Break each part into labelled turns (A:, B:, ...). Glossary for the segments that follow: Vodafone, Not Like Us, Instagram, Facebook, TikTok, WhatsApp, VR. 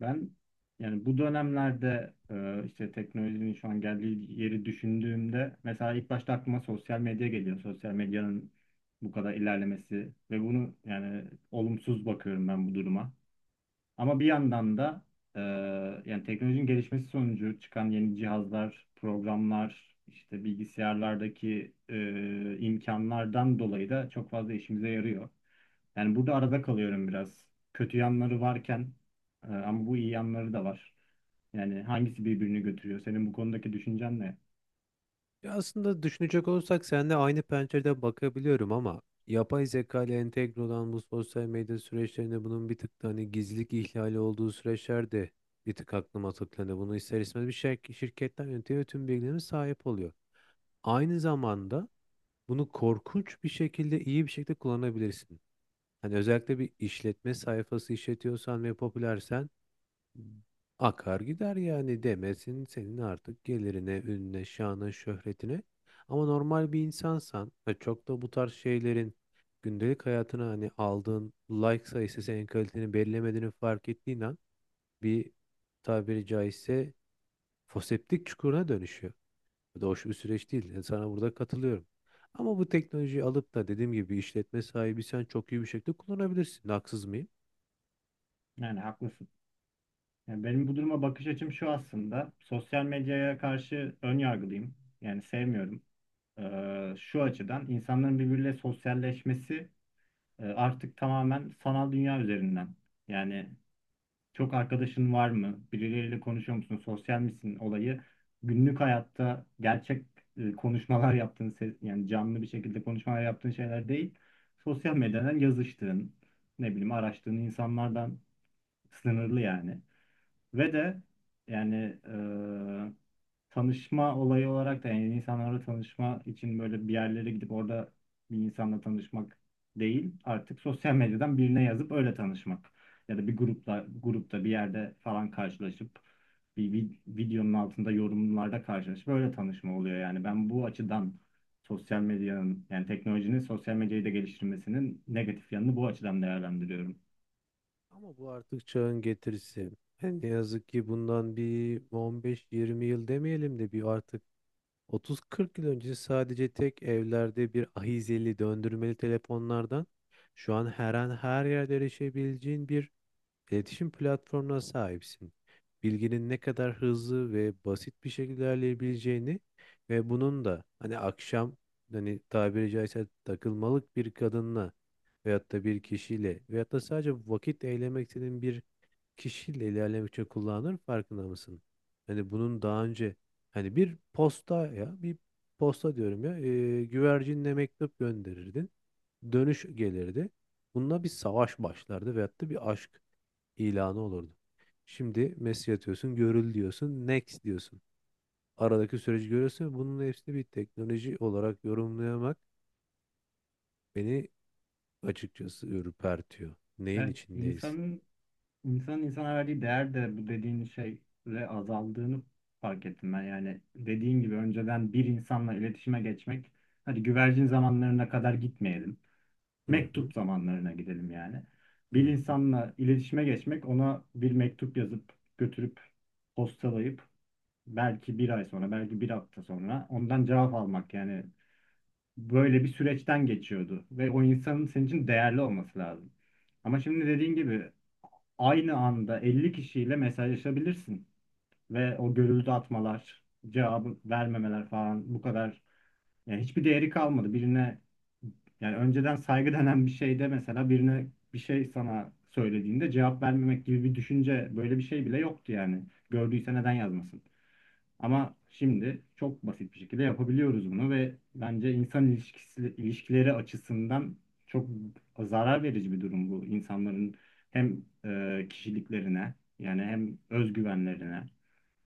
A: Ben yani bu dönemlerde işte teknolojinin şu an geldiği yeri düşündüğümde mesela ilk başta aklıma sosyal medya geliyor. Sosyal medyanın bu kadar ilerlemesi ve bunu yani olumsuz bakıyorum ben bu duruma. Ama bir yandan da e, yani teknolojinin gelişmesi sonucu çıkan yeni cihazlar, programlar, işte bilgisayarlardaki imkanlardan dolayı da çok fazla işimize yarıyor. Yani burada arada kalıyorum biraz. Kötü yanları varken ama bu iyi yanları da var. Yani hangisi birbirini götürüyor? Senin bu konudaki düşüncen ne?
B: Ya aslında düşünecek olursak seninle aynı pencereden bakabiliyorum ama yapay zeka ile entegre olan bu sosyal medya süreçlerinde bunun bir tık da hani gizlilik ihlali olduğu süreçler de bir tık aklıma tıklandı. Bunu ister istemez bir şir şirketten yönetiyor ve tüm bilgilerine sahip oluyor. Aynı zamanda bunu korkunç bir şekilde iyi bir şekilde kullanabilirsin. Hani özellikle bir işletme sayfası işletiyorsan ve popülersen akar gider yani demesin senin artık gelirine, ününe, şanına, şöhretine. Ama normal bir insansan ve çok da bu tarz şeylerin gündelik hayatına hani aldığın like sayısı senin kaliteni belirlemediğini fark ettiğin an bir, tabiri caizse, foseptik çukuruna dönüşüyor. Bu da hoş bir süreç değil. Yani sana burada katılıyorum. Ama bu teknolojiyi alıp da dediğim gibi işletme sahibi sen çok iyi bir şekilde kullanabilirsin. Haksız mıyım?
A: Yani haklısın. Yani benim bu duruma bakış açım şu aslında. Sosyal medyaya karşı ön yargılıyım. Yani sevmiyorum. Şu açıdan insanların birbiriyle sosyalleşmesi artık tamamen sanal dünya üzerinden. Yani çok arkadaşın var mı? Birileriyle konuşuyor musun? Sosyal misin olayı günlük hayatta gerçek konuşmalar yaptığın ses, yani canlı bir şekilde konuşmalar yaptığın şeyler değil. Sosyal medyadan yazıştığın, ne bileyim araştığın insanlardan sınırlı yani. Ve de yani eee, tanışma olayı olarak da yani insanlarla tanışma için böyle bir yerlere gidip orada bir insanla tanışmak değil. Artık sosyal medyadan birine yazıp öyle tanışmak. Ya da bir grupla grupta bir yerde falan karşılaşıp videonun altında yorumlarda karşılaşıp öyle tanışma oluyor yani. Ben bu açıdan sosyal medyanın yani teknolojinin sosyal medyayı da geliştirmesinin negatif yanını bu açıdan değerlendiriyorum.
B: Ama bu artık çağın getirisi. Yani ne yazık ki bundan bir 15-20 yıl demeyelim de bir artık 30-40 yıl önce sadece tek evlerde bir ahizeli döndürmeli telefonlardan şu an her an her yerde erişebileceğin bir İletişim platformuna sahipsin. Bilginin ne kadar hızlı ve basit bir şekilde ilerleyebileceğini ve bunun da hani akşam hani tabiri caizse takılmalık bir kadınla veyahut da bir kişiyle veyahut da sadece vakit eylemek istediğin bir kişiyle ilerlemek için kullanılır, farkında mısın? Hani bunun daha önce hani bir posta diyorum ya, güvercinle mektup gönderirdin. Dönüş gelirdi. Bununla bir savaş başlardı veyahut da bir aşk ilanı olurdu. Şimdi mesaj atıyorsun, görül diyorsun, next diyorsun. Aradaki süreci görüyorsun. Bunun hepsini bir teknoloji olarak yorumlayamak beni açıkçası ürpertiyor. Neyin
A: Evet,
B: içindeyiz?
A: insanın insana verdiği değer de bu dediğin şeyle azaldığını fark ettim ben. Yani dediğin gibi önceden bir insanla iletişime geçmek, hadi güvercin zamanlarına kadar gitmeyelim.
B: Hı hı,
A: Mektup zamanlarına gidelim yani.
B: hı
A: Bir
B: hı.
A: insanla iletişime geçmek, ona bir mektup yazıp götürüp postalayıp belki bir ay sonra, belki bir hafta sonra ondan cevap almak yani böyle bir süreçten geçiyordu ve o insanın senin için değerli olması lazım. Ama şimdi dediğin gibi aynı anda 50 kişiyle mesajlaşabilirsin ve o görüldü atmalar, cevabı vermemeler falan bu kadar yani hiçbir değeri kalmadı. Birine yani önceden saygı denen bir şeyde mesela birine bir şey sana söylediğinde cevap vermemek gibi bir düşünce böyle bir şey bile yoktu yani. Gördüyse neden yazmasın? Ama şimdi çok basit bir şekilde yapabiliyoruz bunu ve bence insan ilişkisi, ilişkileri açısından çok zarar verici bir durum bu. İnsanların hem kişiliklerine yani hem özgüvenlerine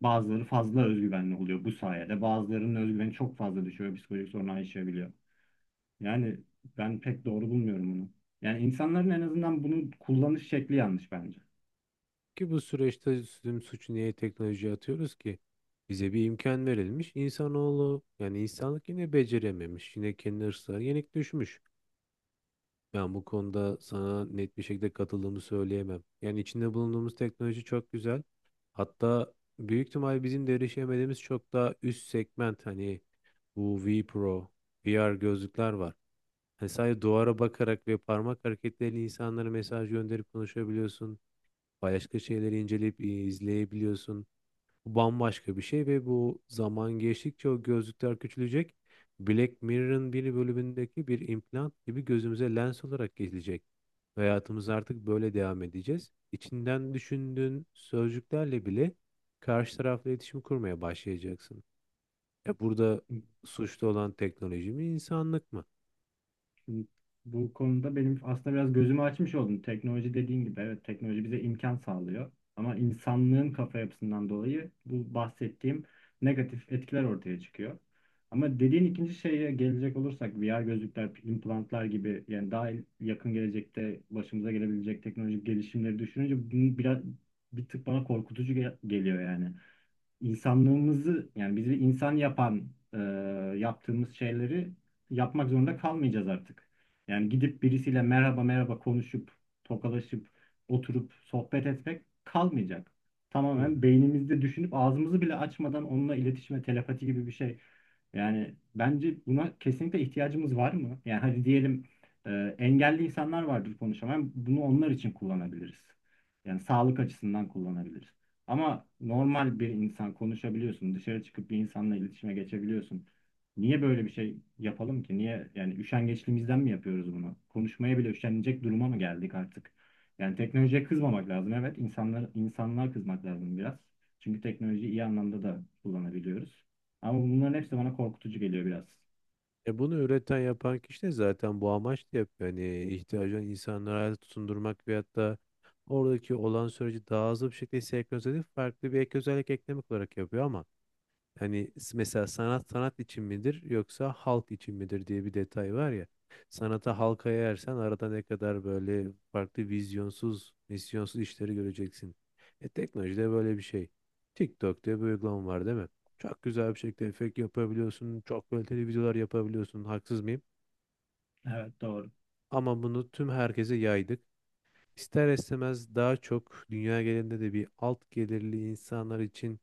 A: bazıları fazla özgüvenli oluyor bu sayede. Bazılarının özgüveni çok fazla düşüyor, psikolojik sorunlar yaşayabiliyor. Yani ben pek doğru bulmuyorum bunu. Yani insanların en azından bunu kullanış şekli yanlış bence.
B: Ki bu süreçte tüm suçu niye teknolojiye atıyoruz ki? Bize bir imkan verilmiş. İnsanoğlu yani insanlık yine becerememiş. Yine kendi hırslarına yenik düşmüş. Ben bu konuda sana net bir şekilde katıldığımı söyleyemem. Yani içinde bulunduğumuz teknoloji çok güzel. Hatta büyük ihtimal bizim de erişemediğimiz çok daha üst segment hani bu V Pro, VR gözlükler var. Hani sadece duvara bakarak ve parmak hareketleriyle insanlara mesaj gönderip konuşabiliyorsun. Başka şeyleri inceleyip izleyebiliyorsun. Bu bambaşka bir şey ve bu zaman geçtikçe o gözlükler küçülecek. Black Mirror'ın bir bölümündeki bir implant gibi gözümüze lens olarak gelecek. Ve hayatımız artık böyle devam edeceğiz. İçinden düşündüğün sözcüklerle bile karşı tarafla iletişim kurmaya başlayacaksın. Ya burada suçlu olan teknoloji mi, insanlık mı?
A: Şimdi bu konuda benim aslında biraz gözümü açmış oldum. Teknoloji dediğin gibi evet teknoloji bize imkan sağlıyor. Ama insanlığın kafa yapısından dolayı bu bahsettiğim negatif etkiler ortaya çıkıyor. Ama dediğin ikinci şeye gelecek olursak VR gözlükler, implantlar gibi yani daha yakın gelecekte başımıza gelebilecek teknolojik gelişimleri düşününce bunu biraz bir tık bana korkutucu geliyor yani insanlığımızı yani bizi insan yapan yaptığımız şeyleri yapmak zorunda kalmayacağız artık. Yani gidip birisiyle merhaba merhaba konuşup tokalaşıp oturup sohbet etmek kalmayacak.
B: Hı hı.
A: Tamamen beynimizde düşünüp ağzımızı bile açmadan onunla iletişime telepati gibi bir şey. Yani bence buna kesinlikle ihtiyacımız var mı? Yani hadi diyelim engelli insanlar vardır konuşamayan. Bunu onlar için kullanabiliriz. Yani sağlık açısından kullanabiliriz. Ama normal bir insan konuşabiliyorsun, dışarı çıkıp bir insanla iletişime geçebiliyorsun. Niye böyle bir şey yapalım ki? Niye yani üşengeçliğimizden mi yapıyoruz bunu? Konuşmaya bile üşenecek duruma mı geldik artık? Yani teknolojiye kızmamak lazım. Evet, insanlar kızmak lazım biraz. Çünkü teknolojiyi iyi anlamda da kullanabiliyoruz. Ama bunların hepsi bana korkutucu geliyor biraz.
B: E bunu üreten yapan kişi de zaten bu amaçla yapıyor. Hani ihtiyacı olan insanları hayata tutundurmak veyahut da oradaki olan süreci daha hızlı bir şekilde senkronize edip farklı bir ek özellik eklemek olarak yapıyor ama hani mesela sanat sanat için midir yoksa halk için midir diye bir detay var ya. Sanata halka yayarsan arada ne kadar böyle farklı vizyonsuz, misyonsuz işleri göreceksin. E teknolojide böyle bir şey. TikTok diye bir uygulama var değil mi? Çok güzel bir şekilde efekt yapabiliyorsun. Çok kaliteli videolar yapabiliyorsun. Haksız mıyım?
A: Evet, doğru.
B: Ama bunu tüm herkese yaydık. İster istemez daha çok dünya genelinde de bir alt gelirli insanlar için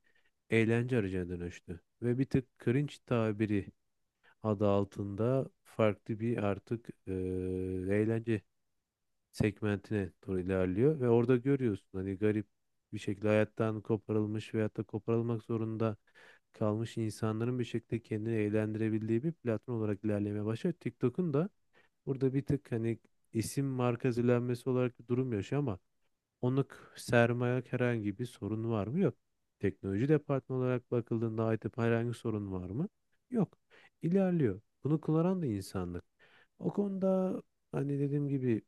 B: eğlence aracına dönüştü. Ve bir tık cringe tabiri adı altında farklı bir artık eğlence segmentine doğru ilerliyor ve orada görüyorsun hani garip bir şekilde hayattan koparılmış veyahut da koparılmak zorunda kalmış insanların bir şekilde kendini eğlendirebildiği bir platform olarak ilerlemeye başlıyor. TikTok'un da burada bir tık hani isim marka zilenmesi olarak bir durum yaşıyor ama onluk sermaye herhangi bir sorun var mı? Yok. Teknoloji departmanı olarak bakıldığında IT herhangi sorun var mı? Yok. İlerliyor. Bunu kullanan da insanlık. O konuda hani dediğim gibi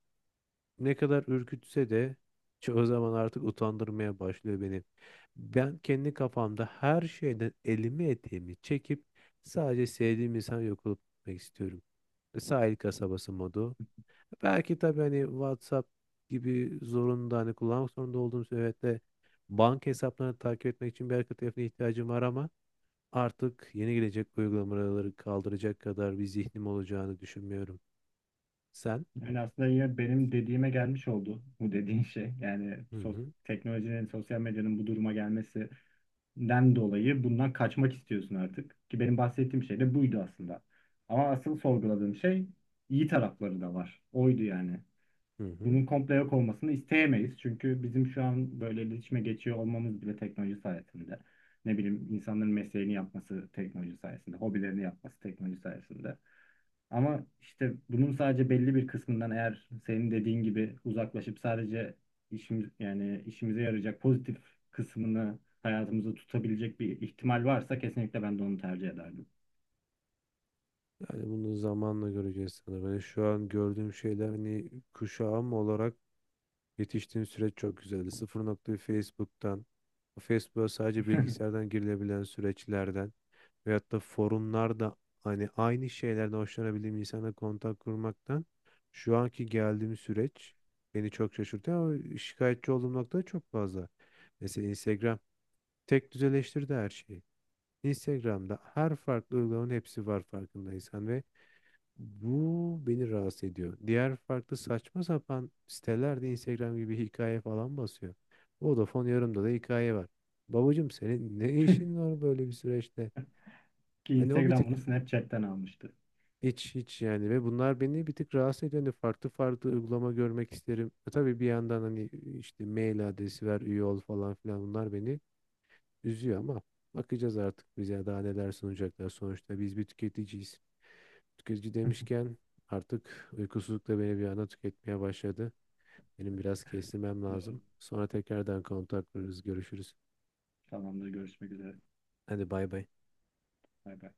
B: ne kadar ürkütse de çoğu zaman artık utandırmaya başlıyor beni. Ben kendi kafamda her şeyden elimi eteğimi çekip sadece sevdiğim insan yok olup gitmek istiyorum. Sahil kasabası modu. Belki tabii hani WhatsApp gibi zorunda hani kullanmak zorunda olduğum süreçte banka hesaplarını takip etmek için bir arka tarafına ihtiyacım var ama artık yeni gelecek uygulamaları kaldıracak kadar bir zihnim olacağını düşünmüyorum. Sen?
A: Yani aslında yine benim dediğime gelmiş oldu bu dediğin şey. Yani
B: Hı hı.
A: teknolojinin, sosyal medyanın bu duruma gelmesi den dolayı bundan kaçmak istiyorsun artık. Ki benim bahsettiğim şey de buydu aslında. Ama asıl sorguladığım şey iyi tarafları da var. Oydu yani
B: Hı hı.
A: bunun komple yok olmasını isteyemeyiz. Çünkü bizim şu an böyle iletişime geçiyor olmamız bile teknoloji sayesinde. Ne bileyim insanların mesleğini yapması teknoloji sayesinde, hobilerini yapması teknoloji sayesinde. Ama işte bunun sadece belli bir kısmından eğer senin dediğin gibi uzaklaşıp sadece işimiz yani işimize yarayacak pozitif kısmını hayatımızda tutabilecek bir ihtimal varsa kesinlikle ben de onu tercih ederdim.
B: Yani bunu zamanla göreceğiz sanırım. Hani şu an gördüğüm şeyler hani kuşağım olarak yetiştiğim süreç çok güzeldi. 0.1 Facebook'tan, Facebook'a sadece bilgisayardan girilebilen süreçlerden veyahut da forumlarda hani aynı şeylerden hoşlanabildiğim insanla kontak kurmaktan şu anki geldiğim süreç beni çok şaşırtıyor ama şikayetçi olduğum nokta da çok fazla. Mesela Instagram tek düzeleştirdi her şeyi. Instagram'da her farklı uygulamanın hepsi var farkındaysan ve bu beni rahatsız ediyor. Diğer farklı saçma sapan sitelerde Instagram gibi hikaye falan basıyor. Vodafone yarımda da hikaye var. Babacım senin ne işin var böyle bir süreçte?
A: Ki
B: Hani o bir
A: Instagram
B: tık
A: bunu Snapchat'ten almıştı.
B: hiç yani ve bunlar beni bir tık rahatsız ediyor. Hani farklı farklı uygulama görmek isterim. E tabii bir yandan hani işte mail adresi ver, üye ol falan filan bunlar beni üzüyor ama bakacağız artık bize daha neler sunacaklar. Sonuçta biz bir tüketiciyiz. Tüketici demişken artık uykusuzluk da beni bir anda tüketmeye başladı. Benim biraz kestirmem
A: Doğru.
B: lazım. Sonra tekrardan kontaklarız, görüşürüz.
A: Tamamdır. Görüşmek üzere.
B: Hadi bay bay.
A: Bay bay.